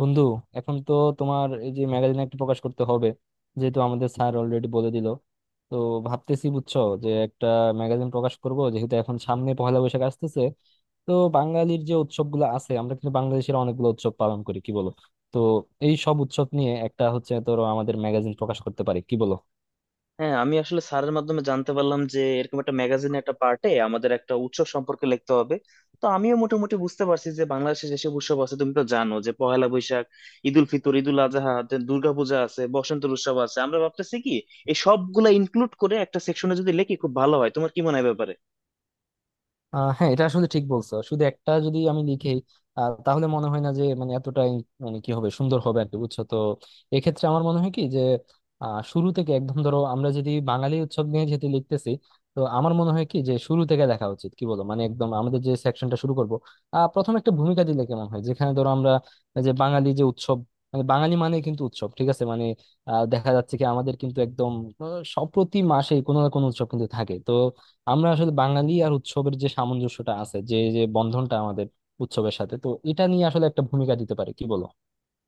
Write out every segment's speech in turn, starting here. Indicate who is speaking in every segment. Speaker 1: বন্ধু, এখন তো তোমার এই যে ম্যাগাজিন একটা প্রকাশ করতে হবে, যেহেতু আমাদের স্যার অলরেডি বলে দিল। তো ভাবতেছি বুঝছো যে একটা ম্যাগাজিন প্রকাশ করব, যেহেতু এখন সামনে পহেলা বৈশাখ আসতেছে। তো বাঙালির যে উৎসবগুলো আছে, আমরা কিন্তু বাংলাদেশের অনেকগুলো উৎসব পালন করি, কি বলো? তো এই সব উৎসব নিয়ে একটা হচ্ছে ধরো আমাদের ম্যাগাজিন প্রকাশ করতে পারি, কি বলো?
Speaker 2: হ্যাঁ, আমি আসলে স্যারের মাধ্যমে জানতে পারলাম যে এরকম একটা ম্যাগাজিনে একটা পার্টে আমাদের একটা উৎসব সম্পর্কে লিখতে হবে। তো আমিও মোটামুটি বুঝতে পারছি যে বাংলাদেশে যেসব উৎসব আছে, তুমি তো জানো যে পহেলা বৈশাখ, ঈদ উল ফিতর, ঈদ উল আজহা, তে দুর্গাপূজা আছে, বসন্তের উৎসব আছে। আমরা ভাবতেছি কি এই সবগুলা ইনক্লুড করে একটা সেকশনে যদি লিখি খুব ভালো হয়, তোমার কি মনে হয় ব্যাপারে?
Speaker 1: হ্যাঁ, এটা আসলে ঠিক বলছো, শুধু একটা যদি আমি লিখি তাহলে মনে হয় না যে মানে এতটাই মানে কি হবে সুন্দর হবে আর কি, বুঝছো তো। এক্ষেত্রে আমার মনে হয় কি যে শুরু থেকে একদম ধরো আমরা যদি বাঙালি উৎসব নিয়ে যেহেতু লিখতেছি, তো আমার মনে হয় কি যে শুরু থেকে দেখা উচিত, কি বলো, মানে একদম আমাদের যে সেকশনটা শুরু করবো প্রথম একটা ভূমিকা দিলে কেমন হয়, যেখানে ধরো আমরা যে বাঙালি যে উৎসব মানে, বাঙালি মানে কিন্তু উৎসব, ঠিক আছে, মানে দেখা যাচ্ছে কি আমাদের কিন্তু একদম আহ, সব প্রতি মাসেই কোনো না কোনো উৎসব কিন্তু থাকে। তো আমরা আসলে বাঙালি আর উৎসবের যে সামঞ্জস্যটা আছে, যে যে বন্ধনটা আমাদের উৎসবের সাথে, তো এটা নিয়ে আসলে একটা ভূমিকা দিতে পারে, কি বলো?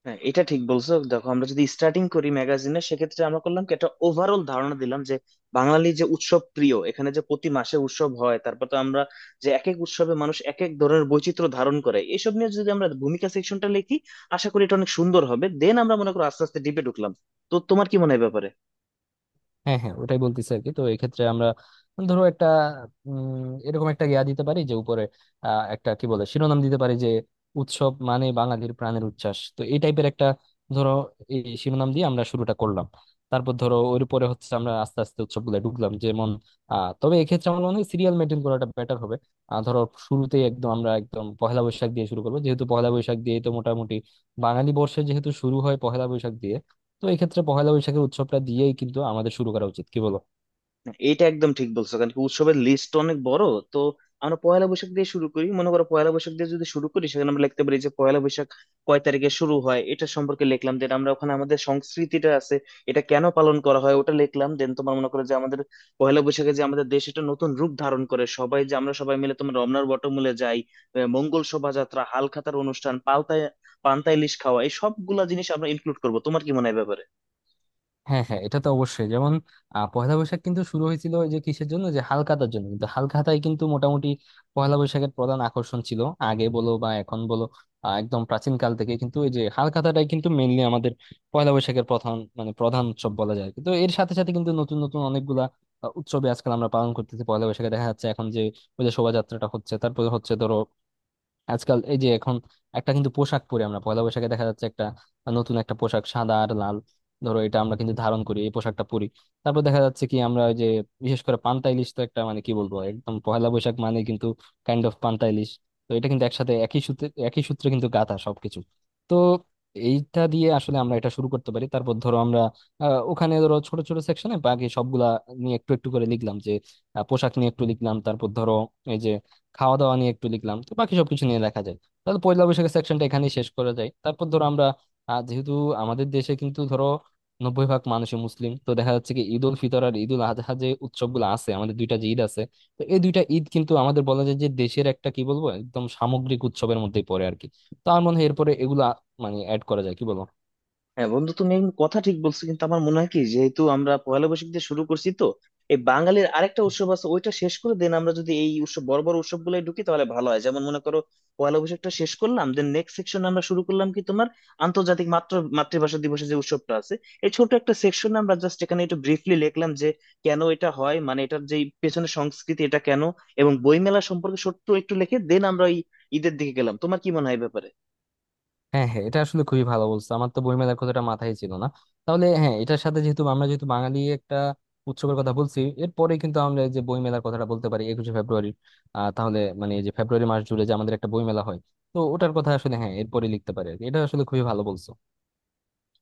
Speaker 2: হ্যাঁ, এটা ঠিক বলছো। দেখো, আমরা যদি স্টার্টিং করি ম্যাগাজিনে সেক্ষেত্রে আমরা করলাম কি একটা ওভারঅল ধারণা দিলাম যে বাঙালি যে উৎসব প্রিয়, এখানে যে প্রতি মাসে উৎসব হয়। তারপর তো আমরা যে এক এক উৎসবে মানুষ এক এক ধরনের বৈচিত্র্য ধারণ করে, এইসব নিয়ে যদি আমরা ভূমিকা সেকশনটা লিখি আশা করি এটা অনেক সুন্দর হবে। দেন আমরা মনে করো আস্তে আস্তে ডিপে ঢুকলাম। তো তোমার কি মনে হয় এ ব্যাপারে?
Speaker 1: হ্যাঁ, হ্যাঁ, ওটাই বলতেছি আর কি। তো এক্ষেত্রে আমরা ধরো একটা এরকম একটা ইয়া দিতে পারি যে উপরে একটা কি বলে শিরোনাম দিতে পারি যে উৎসব মানে বাঙালির প্রাণের উচ্ছ্বাস, তো এই টাইপের একটা ধরো এই শিরোনাম দিয়ে আমরা শুরুটা করলাম। তারপর ধরো ওর উপরে হচ্ছে আমরা আস্তে আস্তে উৎসবগুলো ঢুকলাম, যেমন তবে এক্ষেত্রে আমার মনে হয় সিরিয়াল মেনটেন করাটা বেটার হবে। ধরো শুরুতেই একদম আমরা একদম পহেলা বৈশাখ দিয়ে শুরু করবো, যেহেতু পহেলা বৈশাখ দিয়ে তো মোটামুটি বাঙালি বর্ষে যেহেতু শুরু হয় পহেলা বৈশাখ দিয়ে। তো এই ক্ষেত্রে পহেলা বৈশাখের উৎসবটা দিয়েই কিন্তু আমাদের শুরু করা উচিত, কি বলো?
Speaker 2: এটা একদম ঠিক বলছো, কারণ কি উৎসবের লিস্ট অনেক বড়। তো আমরা পয়লা বৈশাখ দিয়ে শুরু করি। মনে করো পয়লা বৈশাখ দিয়ে যদি শুরু করি সেখানে আমরা লিখতে পারি যে পয়লা বৈশাখ কয় তারিখে শুরু হয় এটা সম্পর্কে লিখলাম। দেন আমরা ওখানে আমাদের সংস্কৃতিটা আছে, এটা কেন পালন করা হয় ওটা লিখলাম। দেন তোমার মনে করো যে আমাদের পয়লা বৈশাখে যে আমাদের দেশ এটা নতুন রূপ ধারণ করে, সবাই যে আমরা সবাই মিলে তোমার রমনার বটমূলে যাই, মঙ্গল শোভাযাত্রা, হালখাতার অনুষ্ঠান পাল্টায়, পান্তা ইলিশ খাওয়া, এই সবগুলা জিনিস আমরা ইনক্লুড করবো। তোমার কি মনে হয় এ ব্যাপারে?
Speaker 1: হ্যাঁ, হ্যাঁ, এটা তো অবশ্যই, যেমন পহেলা বৈশাখ কিন্তু শুরু হয়েছিল ওই যে কিসের জন্য, যে হালখাতার জন্য, কিন্তু হালখাতাই কিন্তু মোটামুটি পহেলা বৈশাখের প্রধান আকর্ষণ ছিল, আগে বলো বা এখন বলো। একদম প্রাচীন কাল থেকে কিন্তু এই যে হালখাতাটাই কিন্তু মেইনলি আমাদের পয়লা বৈশাখের প্রধান, মানে প্রধান উৎসব বলা যায়, কিন্তু এর সাথে সাথে কিন্তু নতুন নতুন অনেকগুলা উৎসবে আজকাল আমরা পালন করতেছি পয়লা বৈশাখে। দেখা যাচ্ছে এখন যে ওই যে শোভাযাত্রাটা হচ্ছে, তারপরে হচ্ছে ধরো আজকাল এই যে এখন একটা কিন্তু পোশাক পরি আমরা পয়লা বৈশাখে, দেখা যাচ্ছে একটা নতুন একটা পোশাক, সাদা আর লাল। ধরো এটা আমরা কিন্তু ধারণ করি, এই পোশাকটা পরি। তারপর দেখা যাচ্ছে কি আমরা ওই যে বিশেষ করে পান্তা ইলিশ, তো একটা মানে কি বলবো, একদম পয়লা বৈশাখ মানে কিন্তু কাইন্ড অফ পান্তা ইলিশ। তো এটা কিন্তু একসাথে একই সূত্রে কিন্তু গাঁথা সবকিছু। তো এইটা দিয়ে আসলে আমরা এটা শুরু করতে পারি। তারপর ধরো আমরা ওখানে ধরো ছোট ছোট সেকশনে বাকি সবগুলা নিয়ে একটু একটু করে লিখলাম, যে পোশাক নিয়ে একটু লিখলাম, তারপর ধরো এই যে খাওয়া দাওয়া নিয়ে একটু লিখলাম, তো বাকি সবকিছু নিয়ে লেখা যায়। তাহলে পয়লা বৈশাখের সেকশনটা এখানেই শেষ করা যায়। তারপর ধরো আমরা যেহেতু আমাদের দেশে কিন্তু ধরো 90 ভাগ মানুষই মুসলিম, তো দেখা যাচ্ছে কি ঈদ উল ফিতর আর ঈদ উল আজহা যে উৎসবগুলো আছে, আমাদের দুইটা যে ঈদ আছে, তো এই দুইটা ঈদ কিন্তু আমাদের বলা যায় যে দেশের একটা কি বলবো একদম সামগ্রিক উৎসবের মধ্যেই পড়ে আর কি। তো আমার মনে হয় এরপরে এগুলা মানে অ্যাড করা যায়, কি বলো?
Speaker 2: হ্যাঁ বন্ধু, তুমি একদম কথা ঠিক বলছো, কিন্তু আমার মনে হয় কি যেহেতু আমরা পয়লা বৈশাখ দিয়ে শুরু করছি, তো এই বাঙালির আরেকটা উৎসব আছে ওইটা শেষ করে দেন আমরা যদি এই উৎসব বড় বড় উৎসব গুলো ঢুকি তাহলে ভালো হয়। যেমন মনে করো পয়লা বৈশাখটা শেষ করলাম, দেন নেক্সট সেকশন আমরা শুরু করলাম কি তোমার আন্তর্জাতিক মাতৃভাষা দিবসের যে উৎসবটা আছে, এই ছোট একটা সেকশন আমরা জাস্ট এখানে একটু ব্রিফলি লিখলাম যে কেন এটা হয়, মানে এটার যে পেছনে সংস্কৃতি, এটা কেন, এবং বইমেলা সম্পর্কে ছোট্ট একটু লিখে দেন আমরা ওই ঈদের দিকে গেলাম। তোমার কি মনে হয় এই ব্যাপারে?
Speaker 1: হ্যাঁ, হ্যাঁ, এটা আসলে খুবই ভালো বলছো, আমার তো বইমেলার কথাটা মাথায় ছিল না। তাহলে হ্যাঁ, এটার সাথে যেহেতু আমরা, যেহেতু বাঙালি একটা উৎসবের কথা বলছি, এরপরে কিন্তু আমরা এই যে বইমেলার কথাটা বলতে পারি, 21শে ফেব্রুয়ারি। তাহলে মানে এই যে ফেব্রুয়ারি মাস জুড়ে যে আমাদের একটা বইমেলা হয়, তো ওটার কথা আসলে হ্যাঁ এরপরে লিখতে পারি আর কি। এটা আসলে খুবই ভালো বলছো।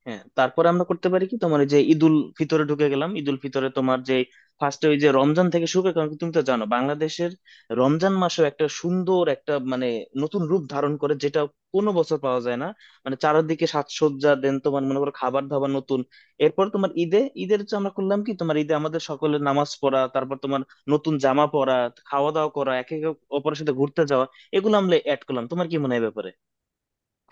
Speaker 2: হ্যাঁ, তারপরে আমরা করতে পারি কি তোমার ওই যে ঈদুল ফিতরে ঢুকে গেলাম। ঈদুল ফিতরে তোমার যে ফার্স্টে ওই যে রমজান থেকে শুরু করে, কারণ কি তুমি তো জানো বাংলাদেশের রমজান মাসও একটা সুন্দর একটা মানে নতুন রূপ ধারণ করে যেটা কোনো বছর পাওয়া যায় না। মানে চারিদিকে সাজসজ্জা, দেন তোমার মনে করো খাবার দাবার নতুন। এরপর তোমার ঈদে, ঈদের যে আমরা করলাম কি তোমার ঈদে আমাদের সকলের নামাজ পড়া, তারপর তোমার নতুন জামা পরা, খাওয়া দাওয়া করা, একে একে অপরের সাথে ঘুরতে যাওয়া, এগুলো আমরা অ্যাড করলাম। তোমার কি মনে হয় এ ব্যাপারে?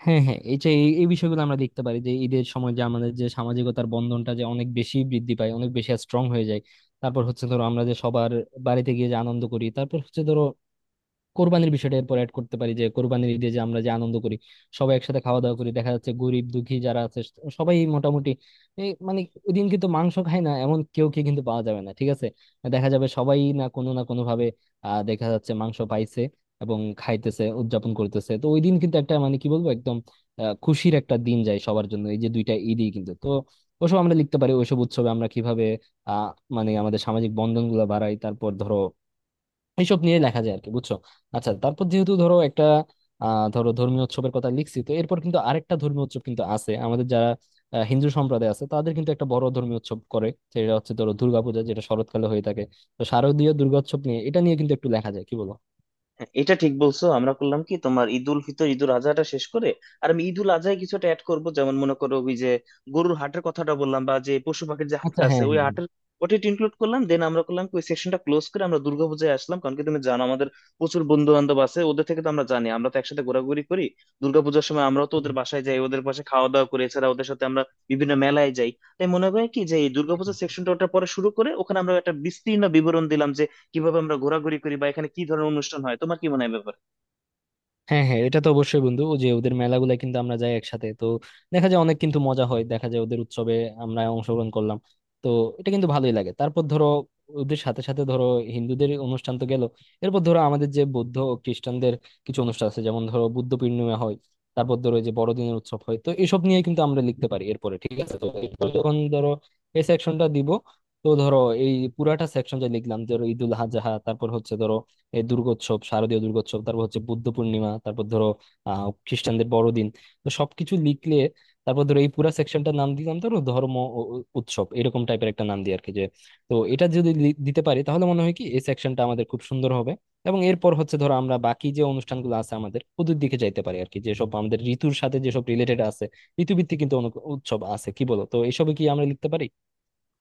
Speaker 1: হ্যাঁ, হ্যাঁ, এই যে এই এই বিষয়গুলো আমরা লিখতে পারি যে ঈদের সময় যে আমাদের যে সামাজিকতার বন্ধনটা যে অনেক বেশি বৃদ্ধি পায়, অনেক বেশি স্ট্রং হয়ে যায়। তারপর হচ্ছে ধরো আমরা যে সবার বাড়িতে গিয়ে যে আনন্দ করি। তারপর হচ্ছে ধরো কোরবানির বিষয়টা এরপর অ্যাড করতে পারি, যে কোরবানির ঈদে যে আমরা যে আনন্দ করি, সবাই একসাথে খাওয়া দাওয়া করি। দেখা যাচ্ছে গরিব দুঃখী যারা আছে সবাই মোটামুটি, এই মানে ওই দিন কিন্তু মাংস খায় না এমন কেউ কে কিন্তু পাওয়া যাবে না, ঠিক আছে। দেখা যাবে সবাই না কোনো না কোনো ভাবে দেখা যাচ্ছে মাংস পাইছে এবং খাইতেছে, উদযাপন করতেছে। তো ওই দিন কিন্তু একটা মানে কি বলবো একদম খুশির একটা দিন যায় সবার জন্য। এই যে দুইটা ঈদই কিন্তু তো ওসব আমরা লিখতে পারি, ওইসব উৎসবে আমরা কিভাবে আহ মানে আমাদের সামাজিক বন্ধন গুলা বাড়াই। তারপর ধরো এইসব নিয়ে লেখা যায় আর কি, বুঝছো। আচ্ছা, তারপর যেহেতু ধরো একটা ধরো ধর্মীয় উৎসবের কথা লিখছি, তো এরপর কিন্তু আরেকটা ধর্মীয় উৎসব কিন্তু আছে আমাদের যারা হিন্দু সম্প্রদায় আছে তাদের, কিন্তু একটা বড় ধর্মীয় উৎসব করে সেটা হচ্ছে ধরো দুর্গাপূজা, যেটা শরৎকালে হয়ে থাকে। তো শারদীয় দুর্গোৎসব নিয়ে, এটা নিয়ে কিন্তু একটু লেখা যায়, কি বলো?
Speaker 2: হ্যাঁ, এটা ঠিক বলছো। আমরা করলাম কি তোমার ঈদুল ফিতর ঈদুল আজহাটা শেষ করে, আর আমি ঈদুল আজহায় কিছুটা অ্যাড করব, যেমন মনে করো ওই যে গরুর হাটের কথাটা বললাম, বা যে পশু পাখির যে হাট
Speaker 1: আচ্ছা,
Speaker 2: আছে
Speaker 1: হ্যাঁ,
Speaker 2: ওই
Speaker 1: হ্যাঁ,
Speaker 2: হাটের ওটা ইনক্লুড করলাম। দেন আমরা করলাম কি ওই সেকশনটা ক্লোজ করে আমরা দুর্গাপূজায় আসলাম, কারণ কি তুমি জানো আমাদের প্রচুর বন্ধু বান্ধব আছে, ওদের থেকে তো আমরা জানি, আমরা তো একসাথে ঘোরাঘুরি করি। দুর্গাপূজার সময় আমরাও তো ওদের
Speaker 1: হ্যাঁ।
Speaker 2: বাসায় যাই, ওদের পাশে খাওয়া দাওয়া করি, এছাড়া ওদের সাথে আমরা বিভিন্ন মেলায় যাই। তাই মনে হয় কি যে এই দুর্গাপূজার সেকশনটা ওটা পরে শুরু করে ওখানে আমরা একটা বিস্তীর্ণ বিবরণ দিলাম কিভাবে আমরা ঘোরাঘুরি করি বা এখানে কি ধরনের অনুষ্ঠান হয়। তোমার কি মনে হয় এ ব্যাপারে?
Speaker 1: হ্যাঁ, হ্যাঁ, এটা তো অবশ্যই বন্ধু, ও যে ওদের মেলাগুলা কিন্তু আমরা যাই একসাথে, তো দেখা যায় অনেক কিন্তু মজা হয়, দেখা যায় ওদের উৎসবে আমরা অংশগ্রহণ করলাম। তো এটা কিন্তু ভালোই লাগে। তারপর ধরো ওদের সাথে সাথে ধরো হিন্দুদের অনুষ্ঠান তো গেল, এরপর ধরো আমাদের যে বৌদ্ধ ও খ্রিস্টানদের কিছু অনুষ্ঠান আছে, যেমন ধরো বুদ্ধ পূর্ণিমা হয়, তারপর ধরো এই যে বড়দিনের উৎসব হয়, তো এসব নিয়ে কিন্তু আমরা লিখতে পারি এরপরে, ঠিক আছে। তো এরপর যখন ধরো এই সেকশনটা দিব, তো ধরো এই পুরাটা সেকশন যা লিখলাম ধরো ঈদুল আজহা, তারপর হচ্ছে ধরো এই দুর্গোৎসব, শারদীয় দুর্গোৎসব, তারপর হচ্ছে বুদ্ধ পূর্ণিমা, তারপর ধরো খ্রিস্টানদের বড়দিন, তো সবকিছু লিখলে তারপর ধরো এই পুরা সেকশনটার নাম দিলাম ধরো ধর্ম ও উৎসব, এরকম টাইপের একটা নাম দিই আর কি। যে তো এটা যদি দিতে পারি তাহলে মনে হয় কি এই সেকশনটা আমাদের খুব সুন্দর হবে। এবং এরপর হচ্ছে ধরো আমরা বাকি যে অনুষ্ঠানগুলো আছে আমাদের, ওদের দিকে যাইতে পারি আর কি, যেসব আমাদের ঋতুর সাথে যেসব রিলেটেড আছে। ঋতুভিত্তিক কিন্তু অনেক উৎসব আছে, কি বলো, তো এসবে কি আমরা লিখতে পারি?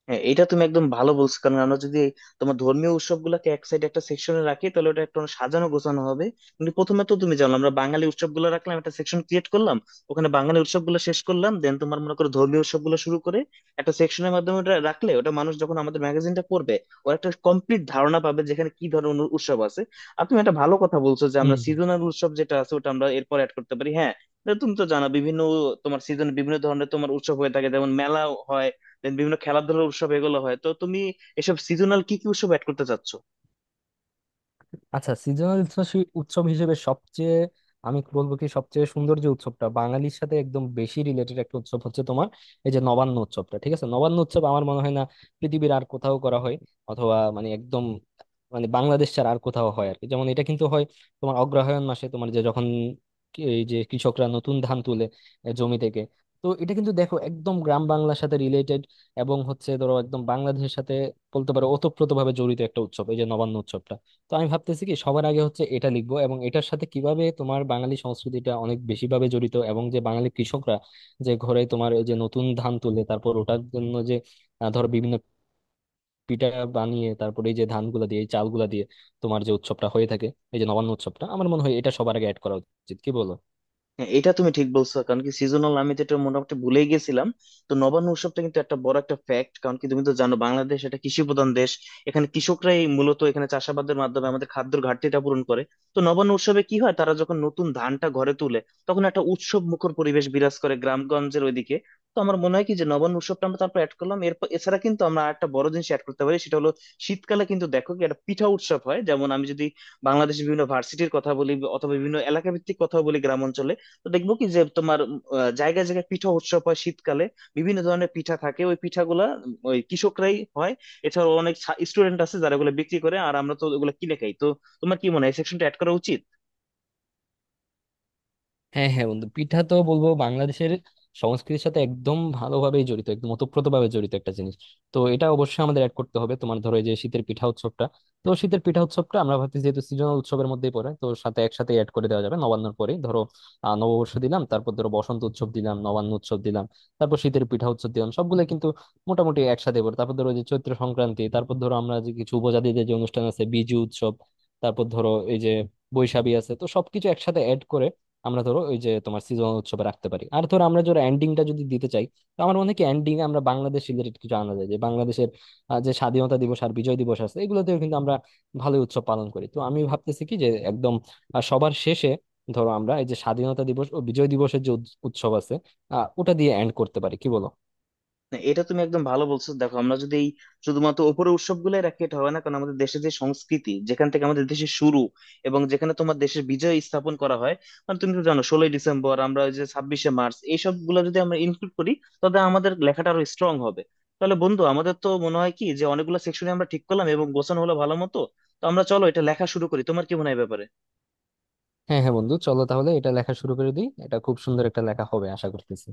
Speaker 2: হ্যাঁ, এটা তুমি একদম ভালো বলছো। কারণ আমরা যদি তোমার ধর্মীয় উৎসবগুলোকে এক সাইডে একটা সেকশনে রাখি তাহলে ওটা একটু সাজানো গোছানো হবে। কিন্তু প্রথমে তো তুমি জানো আমরা বাঙালি উৎসবগুলো রাখলাম, একটা সেকশন ক্রিয়েট করলাম, ওখানে বাঙালি উৎসবগুলো শেষ করলাম। দেন তোমার মনে করো ধর্মীয় উৎসবগুলো শুরু করে একটা সেকশনের মাধ্যমে ওটা রাখলে ওটা মানুষ যখন আমাদের ম্যাগাজিনটা পড়বে, ওর একটা কমপ্লিট ধারণা পাবে যেখানে কি ধরনের উৎসব আছে। আর তুমি একটা ভালো কথা বলছো যে আমরা
Speaker 1: হুম।
Speaker 2: সিজনাল উৎসব যেটা আছে ওটা আমরা এরপর অ্যাড করতে পারি। হ্যাঁ, তুমি তো জানো বিভিন্ন তোমার সিজনে বিভিন্ন ধরনের তোমার উৎসব হয়ে থাকে, যেমন মেলা হয়, দেন বিভিন্ন খেলাধুলার উৎসব, এগুলো হয়। তো তুমি এসব সিজনাল কি কি উৎসব অ্যাড করতে চাচ্ছ?
Speaker 1: আচ্ছা, সিজনাল উৎসব হিসেবে সবচেয়ে আমি বলবো কি, সবচেয়ে সুন্দর যে উৎসবটা বাঙালির সাথে একদম বেশি রিলেটেড একটা উৎসব হচ্ছে তোমার এই যে নবান্ন উৎসবটা, ঠিক আছে। নবান্ন উৎসব আমার মনে হয় না পৃথিবীর আর কোথাও করা হয়, অথবা মানে একদম মানে বাংলাদেশ ছাড়া আর কোথাও হয় আর কি। যেমন এটা কিন্তু হয় তোমার অগ্রহায়ণ মাসে, তোমার যে যখন এই যে কৃষকরা নতুন ধান তুলে জমি থেকে। তো এটা কিন্তু দেখো একদম গ্রাম বাংলার সাথে রিলেটেড এবং হচ্ছে ধরো একদম বাংলাদেশের সাথে বলতে পারো ওতপ্রোতভাবে জড়িত একটা উৎসব, এই যে নবান্ন উৎসবটা। তো আমি ভাবতেছি কি সবার আগে হচ্ছে এটা লিখবো, এবং এটার সাথে কিভাবে তোমার বাঙালি সংস্কৃতিটা অনেক বেশি ভাবে জড়িত, এবং যে বাঙালি কৃষকরা যে ঘরে তোমার এই যে নতুন ধান তুলে তারপর ওটার জন্য যে ধরো বিভিন্ন পিঠা বানিয়ে তারপরে এই যে ধানগুলা দিয়ে এই চালগুলা দিয়ে তোমার যে উৎসবটা হয়ে থাকে, এই যে নবান্ন উৎসবটা, আমার মনে হয় এটা সবার আগে অ্যাড করা উচিত, কি বলো?
Speaker 2: হ্যাঁ, এটা তুমি ঠিক বলছো। কারণ কি সিজনাল আমি তো এটা মোটামুটি ভুলেই গেছিলাম। তো নবান্ন উৎসবটা কিন্তু একটা বড় একটা ফ্যাক্ট, কারণ কি তুমি তো জানো বাংলাদেশ এটা কৃষি প্রধান দেশ, এখানে কৃষকরাই মূলত এখানে চাষাবাদের মাধ্যমে আমাদের খাদ্যের ঘাটতিটা পূরণ করে। তো নবান্ন উৎসবে কি হয়, তারা যখন নতুন ধানটা ঘরে তুলে তখন একটা উৎসব মুখর পরিবেশ বিরাজ করে গ্রামগঞ্জের ওইদিকে। তো আমার মনে হয় কি যে নবান্ন উৎসবটা আমরা তারপর অ্যাড করলাম। এরপর এছাড়া কিন্তু আমরা একটা বড় জিনিস অ্যাড করতে পারি, সেটা হলো শীতকালে কিন্তু দেখো কি একটা পিঠা উৎসব হয়। যেমন আমি যদি বাংলাদেশের বিভিন্ন ভার্সিটির কথা বলি অথবা বিভিন্ন এলাকা ভিত্তিক কথা বলি গ্রাম অঞ্চলে, তো দেখবো কি যে তোমার জায়গায় জায়গায় পিঠা উৎসব হয় শীতকালে। বিভিন্ন ধরনের পিঠা থাকে, ওই পিঠাগুলা ওই কৃষকরাই হয়। এছাড়াও অনেক স্টুডেন্ট আছে যারা ওগুলো বিক্রি করে আর আমরা তো ওগুলো কিনে খাই। তো তোমার কি মনে হয় এই সেকশনটা অ্যাড করা উচিত?
Speaker 1: হ্যাঁ, হ্যাঁ, বন্ধু, পিঠা তো বলবো বাংলাদেশের সংস্কৃতির সাথে একদম ভালোভাবেই জড়িত, একদম ওতপ্রোত ভাবে জড়িত একটা জিনিস। তো এটা অবশ্যই আমাদের অ্যাড করতে হবে, তোমার ধরো এই যে শীতের পিঠা উৎসবটা। তো শীতের পিঠা উৎসবটা আমরা ভাবছি যেহেতু সিজনাল উৎসবের মধ্যেই পড়ে, তো সাথে একসাথে অ্যাড করে দেওয়া যাবে নবান্নর পরে। ধরো নববর্ষ দিলাম, তারপর ধরো বসন্ত উৎসব দিলাম, নবান্ন উৎসব দিলাম, তারপর শীতের পিঠা উৎসব দিলাম, সবগুলো কিন্তু মোটামুটি একসাথে পড়ে। তারপর ধরো যে চৈত্র সংক্রান্তি, তারপর ধরো আমরা যে কিছু উপজাতিদের যে অনুষ্ঠান আছে বিজু উৎসব, তারপর ধরো এই যে বৈশাখী আছে, তো সবকিছু একসাথে অ্যাড করে আমরা ধরো ওই যে তোমার সিজনাল উৎসবে রাখতে পারি। আর ধরো আমরা ধরো এন্ডিংটা যদি দিতে চাই, তো আমার মনে হয় কি এন্ডিং আমরা বাংলাদেশ রিলেটেড কিছু আনা যায়, যে বাংলাদেশের যে স্বাধীনতা দিবস আর বিজয় দিবস আছে, এগুলোতেও কিন্তু আমরা ভালোই উৎসব পালন করি। তো আমি ভাবতেছি কি যে একদম সবার শেষে ধরো আমরা এই যে স্বাধীনতা দিবস ও বিজয় দিবসের যে উৎসব আছে ওটা দিয়ে এন্ড করতে পারি, কি বলো?
Speaker 2: না, এটা তুমি একদম ভালো বলছো। দেখো, আমরা যদি এই শুধুমাত্র উপরের উৎসব গুলাই রাখি এটা হবে না, কারণ আমাদের দেশের যে সংস্কৃতি, যেখান থেকে আমাদের দেশের শুরু এবং যেখানে তোমার দেশের বিজয় স্থাপন করা হয়, মানে তুমি তো জানো 16ই ডিসেম্বর আমরা, ওই যে 26শে মার্চ, এইসব গুলো যদি আমরা ইনক্লুড করি তবে আমাদের লেখাটা আরো স্ট্রং হবে। তাহলে বন্ধু আমাদের তো মনে হয় কি যে অনেকগুলো সেকশনে আমরা ঠিক করলাম এবং গোছানো হলো ভালো মতো। তো আমরা চলো এটা লেখা শুরু করি, তোমার কি মনে হয় এ ব্যাপারে?
Speaker 1: হ্যাঁ, হ্যাঁ, বন্ধু, চলো তাহলে এটা লেখা শুরু করে দিই, এটা খুব সুন্দর একটা লেখা হবে আশা করতেছি।